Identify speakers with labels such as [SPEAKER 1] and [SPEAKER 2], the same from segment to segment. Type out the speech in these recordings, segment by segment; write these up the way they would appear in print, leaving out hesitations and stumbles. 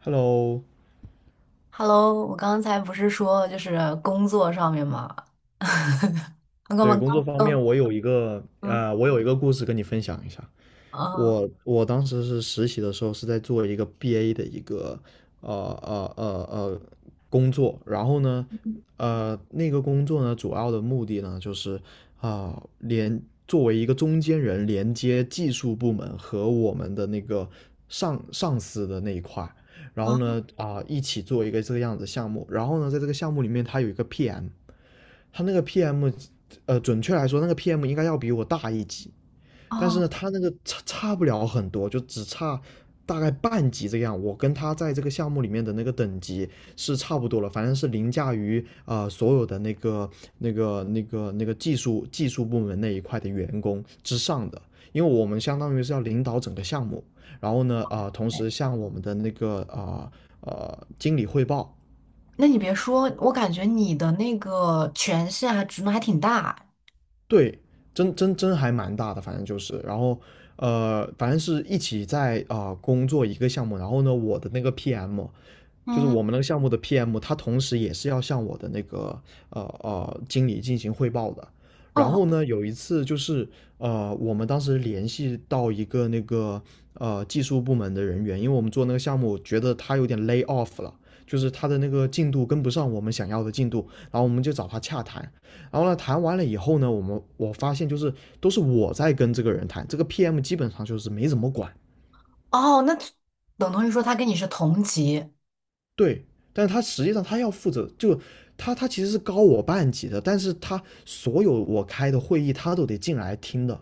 [SPEAKER 1] Hello,
[SPEAKER 2] Hello，我刚才不是说就是工作上面嘛。我刚
[SPEAKER 1] 对，
[SPEAKER 2] 刚
[SPEAKER 1] 工作方
[SPEAKER 2] 刚
[SPEAKER 1] 面，
[SPEAKER 2] 嗯
[SPEAKER 1] 我有一个
[SPEAKER 2] 嗯
[SPEAKER 1] 我有一个故事跟你分享一下。
[SPEAKER 2] 嗯
[SPEAKER 1] 我当时是实习的时候是在做一个 BA 的一个呃呃呃呃工作，然后呢，那个工作呢，主要的目的呢就是啊、连作为一个中间人，连接技术部门和我们的那个上司的那一块儿，然后呢，一起做一个这个样子的项目，然后呢，在这个项目里面，它有一个 PM。他那个 PM,准确来说，那个 PM 应该要比我大一级，但是
[SPEAKER 2] 哦。
[SPEAKER 1] 呢，他那个差不了很多，就只差大概半级这样。我跟他在这个项目里面的那个等级是差不多了，反正是凌驾于所有的那个技术部门那一块的员工之上的，因为我们相当于是要领导整个项目，然后呢，同时
[SPEAKER 2] 哎，
[SPEAKER 1] 向我们的那个经理汇报。
[SPEAKER 2] 那你别说，我感觉你的那个权限还职能还挺大。
[SPEAKER 1] 对，真还蛮大的，反正就是，然后反正是一起在工作一个项目，然后呢，我的那个 PM 就是
[SPEAKER 2] 嗯。
[SPEAKER 1] 我们那个项目的 PM,他同时也是要向我的那个经理进行汇报的。然
[SPEAKER 2] 哦
[SPEAKER 1] 后呢，有一次就是，我们当时联系到一个那个技术部门的人员，因为我们做那个项目，觉得他有点 lay off 了，就是他的那个进度跟不上我们想要的进度，然后我们就找他洽谈。然后呢，谈完了以后呢，我发现就是都是我在跟这个人谈，这个 PM 基本上就是没怎么管。
[SPEAKER 2] 哦，那等同于说他跟你是同级。
[SPEAKER 1] 对，但是他实际上他要负责，就他其实是高我半级的，但是他所有我开的会议他都得进来听的。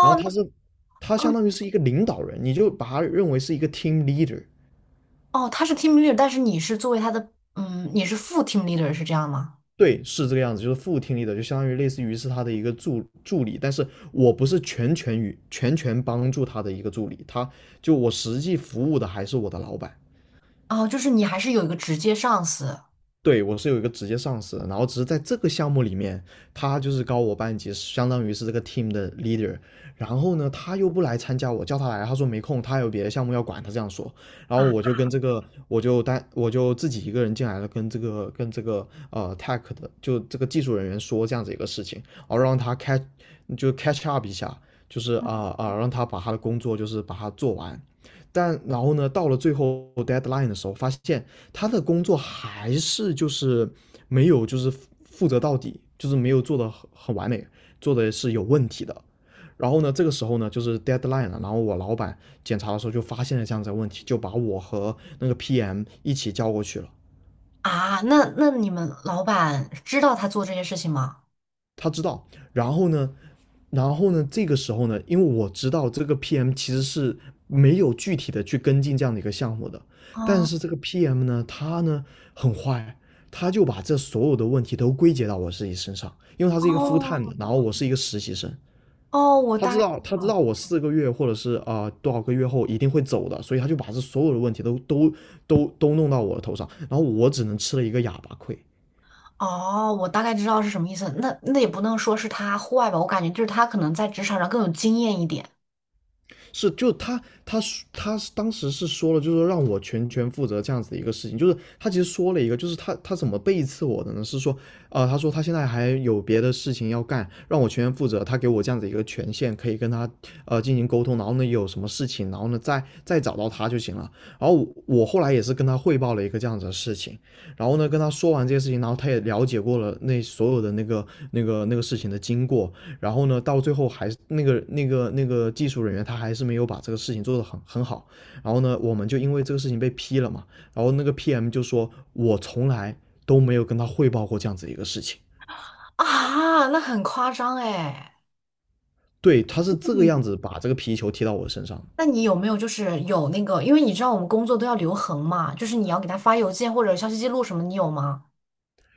[SPEAKER 1] 然后
[SPEAKER 2] 那
[SPEAKER 1] 他是，他相当于是一个领导人，你就把他认为是一个 team leader。
[SPEAKER 2] 哦，他是 team leader，但是你是作为他的你是副 team leader 是这样吗？
[SPEAKER 1] 对，是这个样子，就是副 team leader,就相当于类似于是他的一个助理，但是我不是全权帮助他的一个助理，他，就我实际服务的还是我的老板。
[SPEAKER 2] 哦，就是你还是有一个直接上司。
[SPEAKER 1] 对，我是有一个直接上司的，然后只是在这个项目里面，他就是高我半级，相当于是这个 team 的 leader。然后呢，他又不来参加，我叫他来，他说没空，他有别的项目要管，他这样说。然后
[SPEAKER 2] 啊
[SPEAKER 1] 我就跟这个，我就自己一个人进来了，跟这个tech 的，就这个技术人员说这样子一个事情，然后让他 catch, 就 catch up 一下，就是让他把他的工作就是把它做完。但然后呢，到了最后 deadline 的时候，发现他的工作还是就是没有就是负责到底，就是没有做的很完美，做的是有问题的。然后呢，这个时候呢，就是 deadline 了。然后我老板检查的时候就发现了这样子的问题，就把我和那个 PM 一起叫过去了。
[SPEAKER 2] 那那你们老板知道他做这些事情吗？
[SPEAKER 1] 他知道，然后呢，然后呢，这个时候呢，因为我知道这个 PM 其实是没有具体的去跟进这样的一个项目的，但
[SPEAKER 2] 啊。
[SPEAKER 1] 是这个 PM 呢，他呢很坏，他就把这所有的问题都归结到我自己身上，因为他是一个 full
[SPEAKER 2] 哦
[SPEAKER 1] time 的，然后我是一个实习生，
[SPEAKER 2] 哦，我
[SPEAKER 1] 他
[SPEAKER 2] 大
[SPEAKER 1] 知
[SPEAKER 2] 概。
[SPEAKER 1] 道，他知
[SPEAKER 2] 哦
[SPEAKER 1] 道我4个月或者是多少个月后一定会走的，所以他就把这所有的问题都弄到我的头上，然后我只能吃了一个哑巴亏。
[SPEAKER 2] 哦，我大概知道是什么意思。那那也不能说是他坏吧，我感觉就是他可能在职场上更有经验一点。
[SPEAKER 1] 是，就他当时是说了，就是说让我全权负责这样子的一个事情，就是他其实说了一个，就是他怎么背刺我的呢？是说，他说他现在还有别的事情要干，让我全权负责，他给我这样子一个权限，可以跟他进行沟通，然后呢有什么事情，然后呢再找到他就行了。然后我后来也是跟他汇报了一个这样子的事情，然后呢跟他说完这些事情，然后他也了解过了那所有的那个事情的经过，然后呢，到最后还是那个技术人员他还是没有把这个事情做得很好。然后呢，我们就因为这个事情被批了嘛。然后那个 PM 就说，我从来都没有跟他汇报过这样子一个事情。
[SPEAKER 2] 啊，那很夸张哎。
[SPEAKER 1] 对，他是这个样
[SPEAKER 2] 嗯，
[SPEAKER 1] 子把这个皮球踢到我身上。
[SPEAKER 2] 那你有没有就是有那个，因为你知道我们工作都要留痕嘛，就是你要给他发邮件或者消息记录什么，你有吗？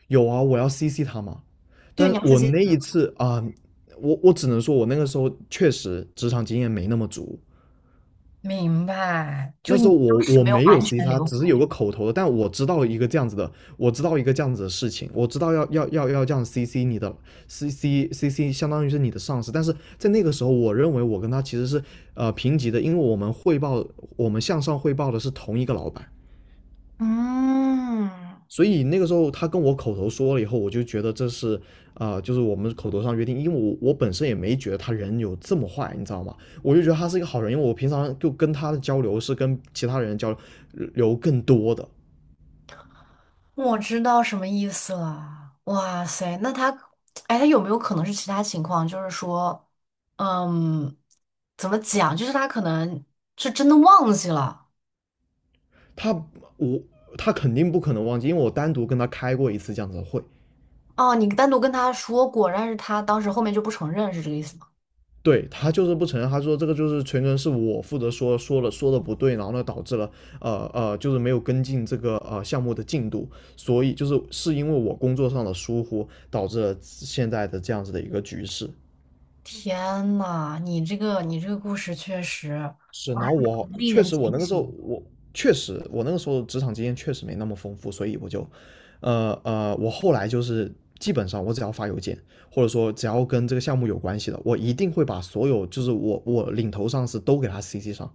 [SPEAKER 1] 有啊，我要 CC 他嘛。
[SPEAKER 2] 对，
[SPEAKER 1] 但
[SPEAKER 2] 你
[SPEAKER 1] 是
[SPEAKER 2] 要自
[SPEAKER 1] 我
[SPEAKER 2] 己。
[SPEAKER 1] 那一次，我只能说，我那个时候确实职场经验没那么足，
[SPEAKER 2] 明白，就
[SPEAKER 1] 那
[SPEAKER 2] 是
[SPEAKER 1] 时
[SPEAKER 2] 你
[SPEAKER 1] 候
[SPEAKER 2] 当
[SPEAKER 1] 我
[SPEAKER 2] 时
[SPEAKER 1] 我
[SPEAKER 2] 没有
[SPEAKER 1] 没有
[SPEAKER 2] 完
[SPEAKER 1] C
[SPEAKER 2] 全
[SPEAKER 1] 他，
[SPEAKER 2] 留
[SPEAKER 1] 只是
[SPEAKER 2] 痕。
[SPEAKER 1] 有个口头的，但我知道一个这样子的，我知道一个这样子的事情，我知道要这样 CC 你的， CC 相当于是你的上司，但是在那个时候，我认为我跟他其实是平级的，因为我们向上汇报的是同一个老板，
[SPEAKER 2] 嗯，
[SPEAKER 1] 所以那个时候他跟我口头说了以后，我就觉得这是就是我们口头上约定，因为我本身也没觉得他人有这么坏，你知道吗？我就觉得他是一个好人，因为我平常就跟他的交流是跟其他人交流更多的。
[SPEAKER 2] 我知道什么意思了。哇塞，那他，哎，他有没有可能是其他情况？就是说，嗯，怎么讲？就是他可能是真的忘记了。
[SPEAKER 1] 他我他肯定不可能忘记，因为我单独跟他开过一次这样子的会。
[SPEAKER 2] 哦，你单独跟他说过，但是他当时后面就不承认，是这个意思吗？
[SPEAKER 1] 对，他就是不承认，他说这个就是全程是我负责，说的不对，然后呢导致了就是没有跟进这个项目的进度，所以就是是因为我工作上的疏忽导致了现在的这样子的一个局势。
[SPEAKER 2] 天呐，你这个你这个故事确实。
[SPEAKER 1] 是，然
[SPEAKER 2] 哇，还
[SPEAKER 1] 后我
[SPEAKER 2] 蛮令
[SPEAKER 1] 确
[SPEAKER 2] 人
[SPEAKER 1] 实
[SPEAKER 2] 警
[SPEAKER 1] 我那个时
[SPEAKER 2] 醒
[SPEAKER 1] 候
[SPEAKER 2] 的。
[SPEAKER 1] 职场经验确实没那么丰富，所以我就我后来就是基本上我只要发邮件或者说只要跟这个项目有关系的，我一定会把所有就是我领头上司都给他 CC 上。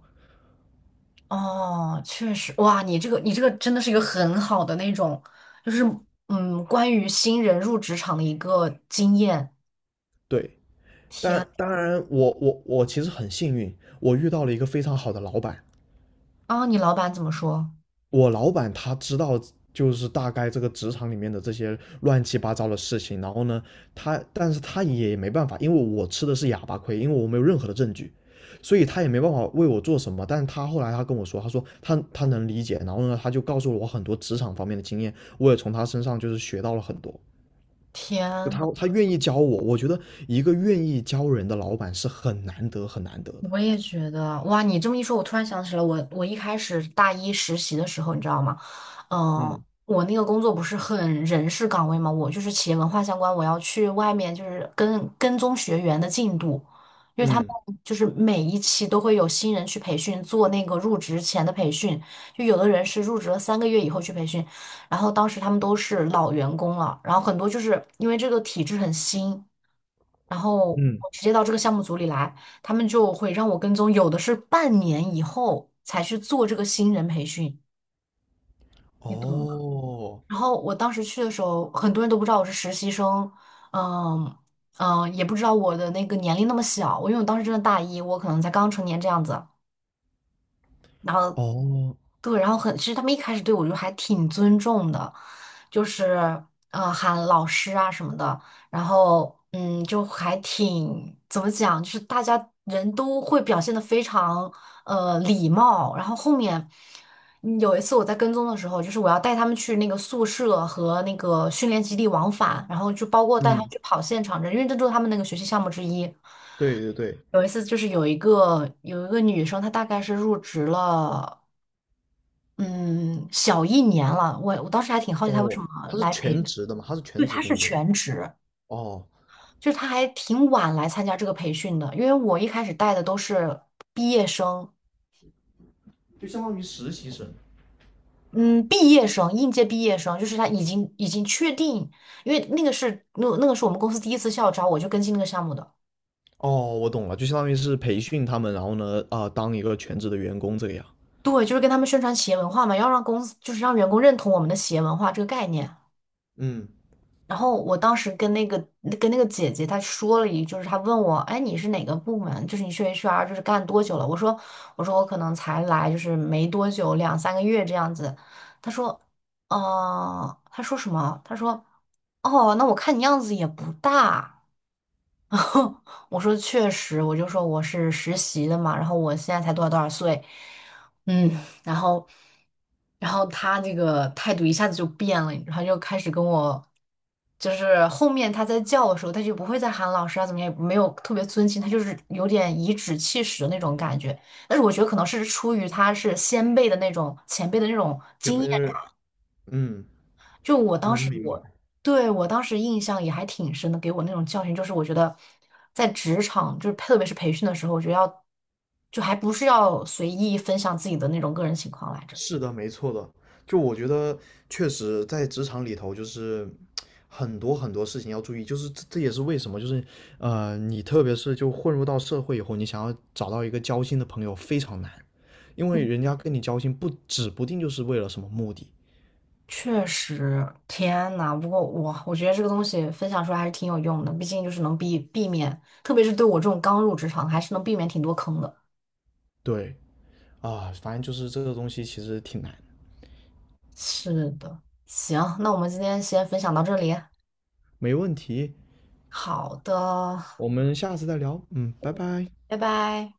[SPEAKER 2] 哦，确实。哇，你这个你这个真的是一个很好的那种，就是关于新人入职场的一个经验。
[SPEAKER 1] 对，
[SPEAKER 2] 天。
[SPEAKER 1] 但当然我其实很幸运，我遇到了一个非常好的老板。
[SPEAKER 2] 啊，你老板怎么说？
[SPEAKER 1] 我老板他知道，就是大概这个职场里面的这些乱七八糟的事情。然后呢，但是他也没办法，因为我吃的是哑巴亏，因为我没有任何的证据，所以他也没办法为我做什么。但他后来他跟我说，他说他能理解。然后呢，他就告诉了我很多职场方面的经验，我也从他身上就是学到了很多。
[SPEAKER 2] 天
[SPEAKER 1] 就他
[SPEAKER 2] 呐，
[SPEAKER 1] 他愿意教我，我觉得一个愿意教人的老板是很难得的。
[SPEAKER 2] 我也觉得。哇，你这么一说，我突然想起了我，我一开始大一实习的时候，你知道吗？嗯，
[SPEAKER 1] 嗯。
[SPEAKER 2] 我那个工作不是很人事岗位嘛，我就是企业文化相关，我要去外面就是跟跟踪学员的进度，因为他们
[SPEAKER 1] 嗯。
[SPEAKER 2] 就是每一期都会有新人去培训，做那个入职前的培训，就有的人是入职了三个月以后去培训，然后当时他们都是老员工了，然后很多就是因为这个体制很新。然后
[SPEAKER 1] 嗯。
[SPEAKER 2] 我直接到这个项目组里来，他们就会让我跟踪，有的是半年以后才去做这个新人培训，你懂吗？
[SPEAKER 1] 哦。
[SPEAKER 2] 然后我当时去的时候，很多人都不知道我是实习生。嗯嗯，也不知道我的那个年龄那么小，我因为我当时真的大一，我可能才刚成年这样子。然后
[SPEAKER 1] 哦。
[SPEAKER 2] 对，然后很，其实他们一开始对我就还挺尊重的，就是喊老师啊什么的，然后就还挺怎么讲，就是大家人都会表现的非常礼貌，然后后面。嗯，有一次我在跟踪的时候，就是我要带他们去那个宿舍和那个训练基地往返，然后就包括带他们
[SPEAKER 1] 嗯。
[SPEAKER 2] 去跑现场这，因为这都是他们那个学习项目之一。
[SPEAKER 1] 对对对。
[SPEAKER 2] 有一次就是有一个女生，她大概是入职了嗯，小一年了。我当时还挺好奇他为什
[SPEAKER 1] 哦，
[SPEAKER 2] 么
[SPEAKER 1] 他是
[SPEAKER 2] 来培。
[SPEAKER 1] 全职的嘛，他是
[SPEAKER 2] 对，
[SPEAKER 1] 全职
[SPEAKER 2] 他是
[SPEAKER 1] 工作的。
[SPEAKER 2] 全职，
[SPEAKER 1] 哦，
[SPEAKER 2] 就是他还挺晚来参加这个培训的。因为我一开始带的都是毕业生。
[SPEAKER 1] 就相当于实习生。
[SPEAKER 2] 嗯，毕业生，应届毕业生，就是他已经确定，因为那个是那个是我们公司第一次校招，我就跟进那个项目的。
[SPEAKER 1] 哦，我懂了，就相当于是培训他们，然后呢，当一个全职的员工这个样。
[SPEAKER 2] 对，就是跟他们宣传企业文化嘛，要让公司就是让员工认同我们的企业文化这个概念。
[SPEAKER 1] 嗯，
[SPEAKER 2] 然后我当时跟那个跟那个姐姐她说了一句，就是她问我，哎，你是哪个部门？就是你去 HR 就是干多久了？我说我可能才来就是没多久，两三个月这样子。她说，哦、她说什么？她说，哦，那我看你样子也不大。然后我说确实，我就说我是实习的嘛，然后我现在才多少多少岁。嗯，然后，然后他那个态度一下子就变了，然后就开始跟我，就是后面他在叫的时候，他就不会再喊老师啊，怎么样，也没有特别尊敬，他就是有点颐指气使的那种感觉。但是我觉得可能是出于他是先辈的那种前辈的那种
[SPEAKER 1] 有
[SPEAKER 2] 经
[SPEAKER 1] 没
[SPEAKER 2] 验，
[SPEAKER 1] 嗯，
[SPEAKER 2] 就我当
[SPEAKER 1] 能
[SPEAKER 2] 时
[SPEAKER 1] 明白。
[SPEAKER 2] 我对我当时印象也还挺深的，给我那种教训就是，我觉得在职场，就是特别是培训的时候，我觉得要就还不是要随意分享自己的那种个人情况来着。
[SPEAKER 1] 是的，没错的。就我觉得，确实在职场里头，就是很多很多事情要注意，就是这也是为什么，就是你特别是就混入到社会以后，你想要找到一个交心的朋友非常难，因为人
[SPEAKER 2] 嗯，
[SPEAKER 1] 家跟你交心不指不定就是为了什么目的。
[SPEAKER 2] 确实，天呐，不过我觉得这个东西分享出来还是挺有用的，毕竟就是能避免，特别是对我这种刚入职场，还是能避免挺多坑的。
[SPEAKER 1] 对啊，反正就是这个东西其实挺难。
[SPEAKER 2] 是的，行，那我们今天先分享到这里。
[SPEAKER 1] 没问题，
[SPEAKER 2] 好的，
[SPEAKER 1] 我们下次再聊。嗯，拜拜。
[SPEAKER 2] 拜拜。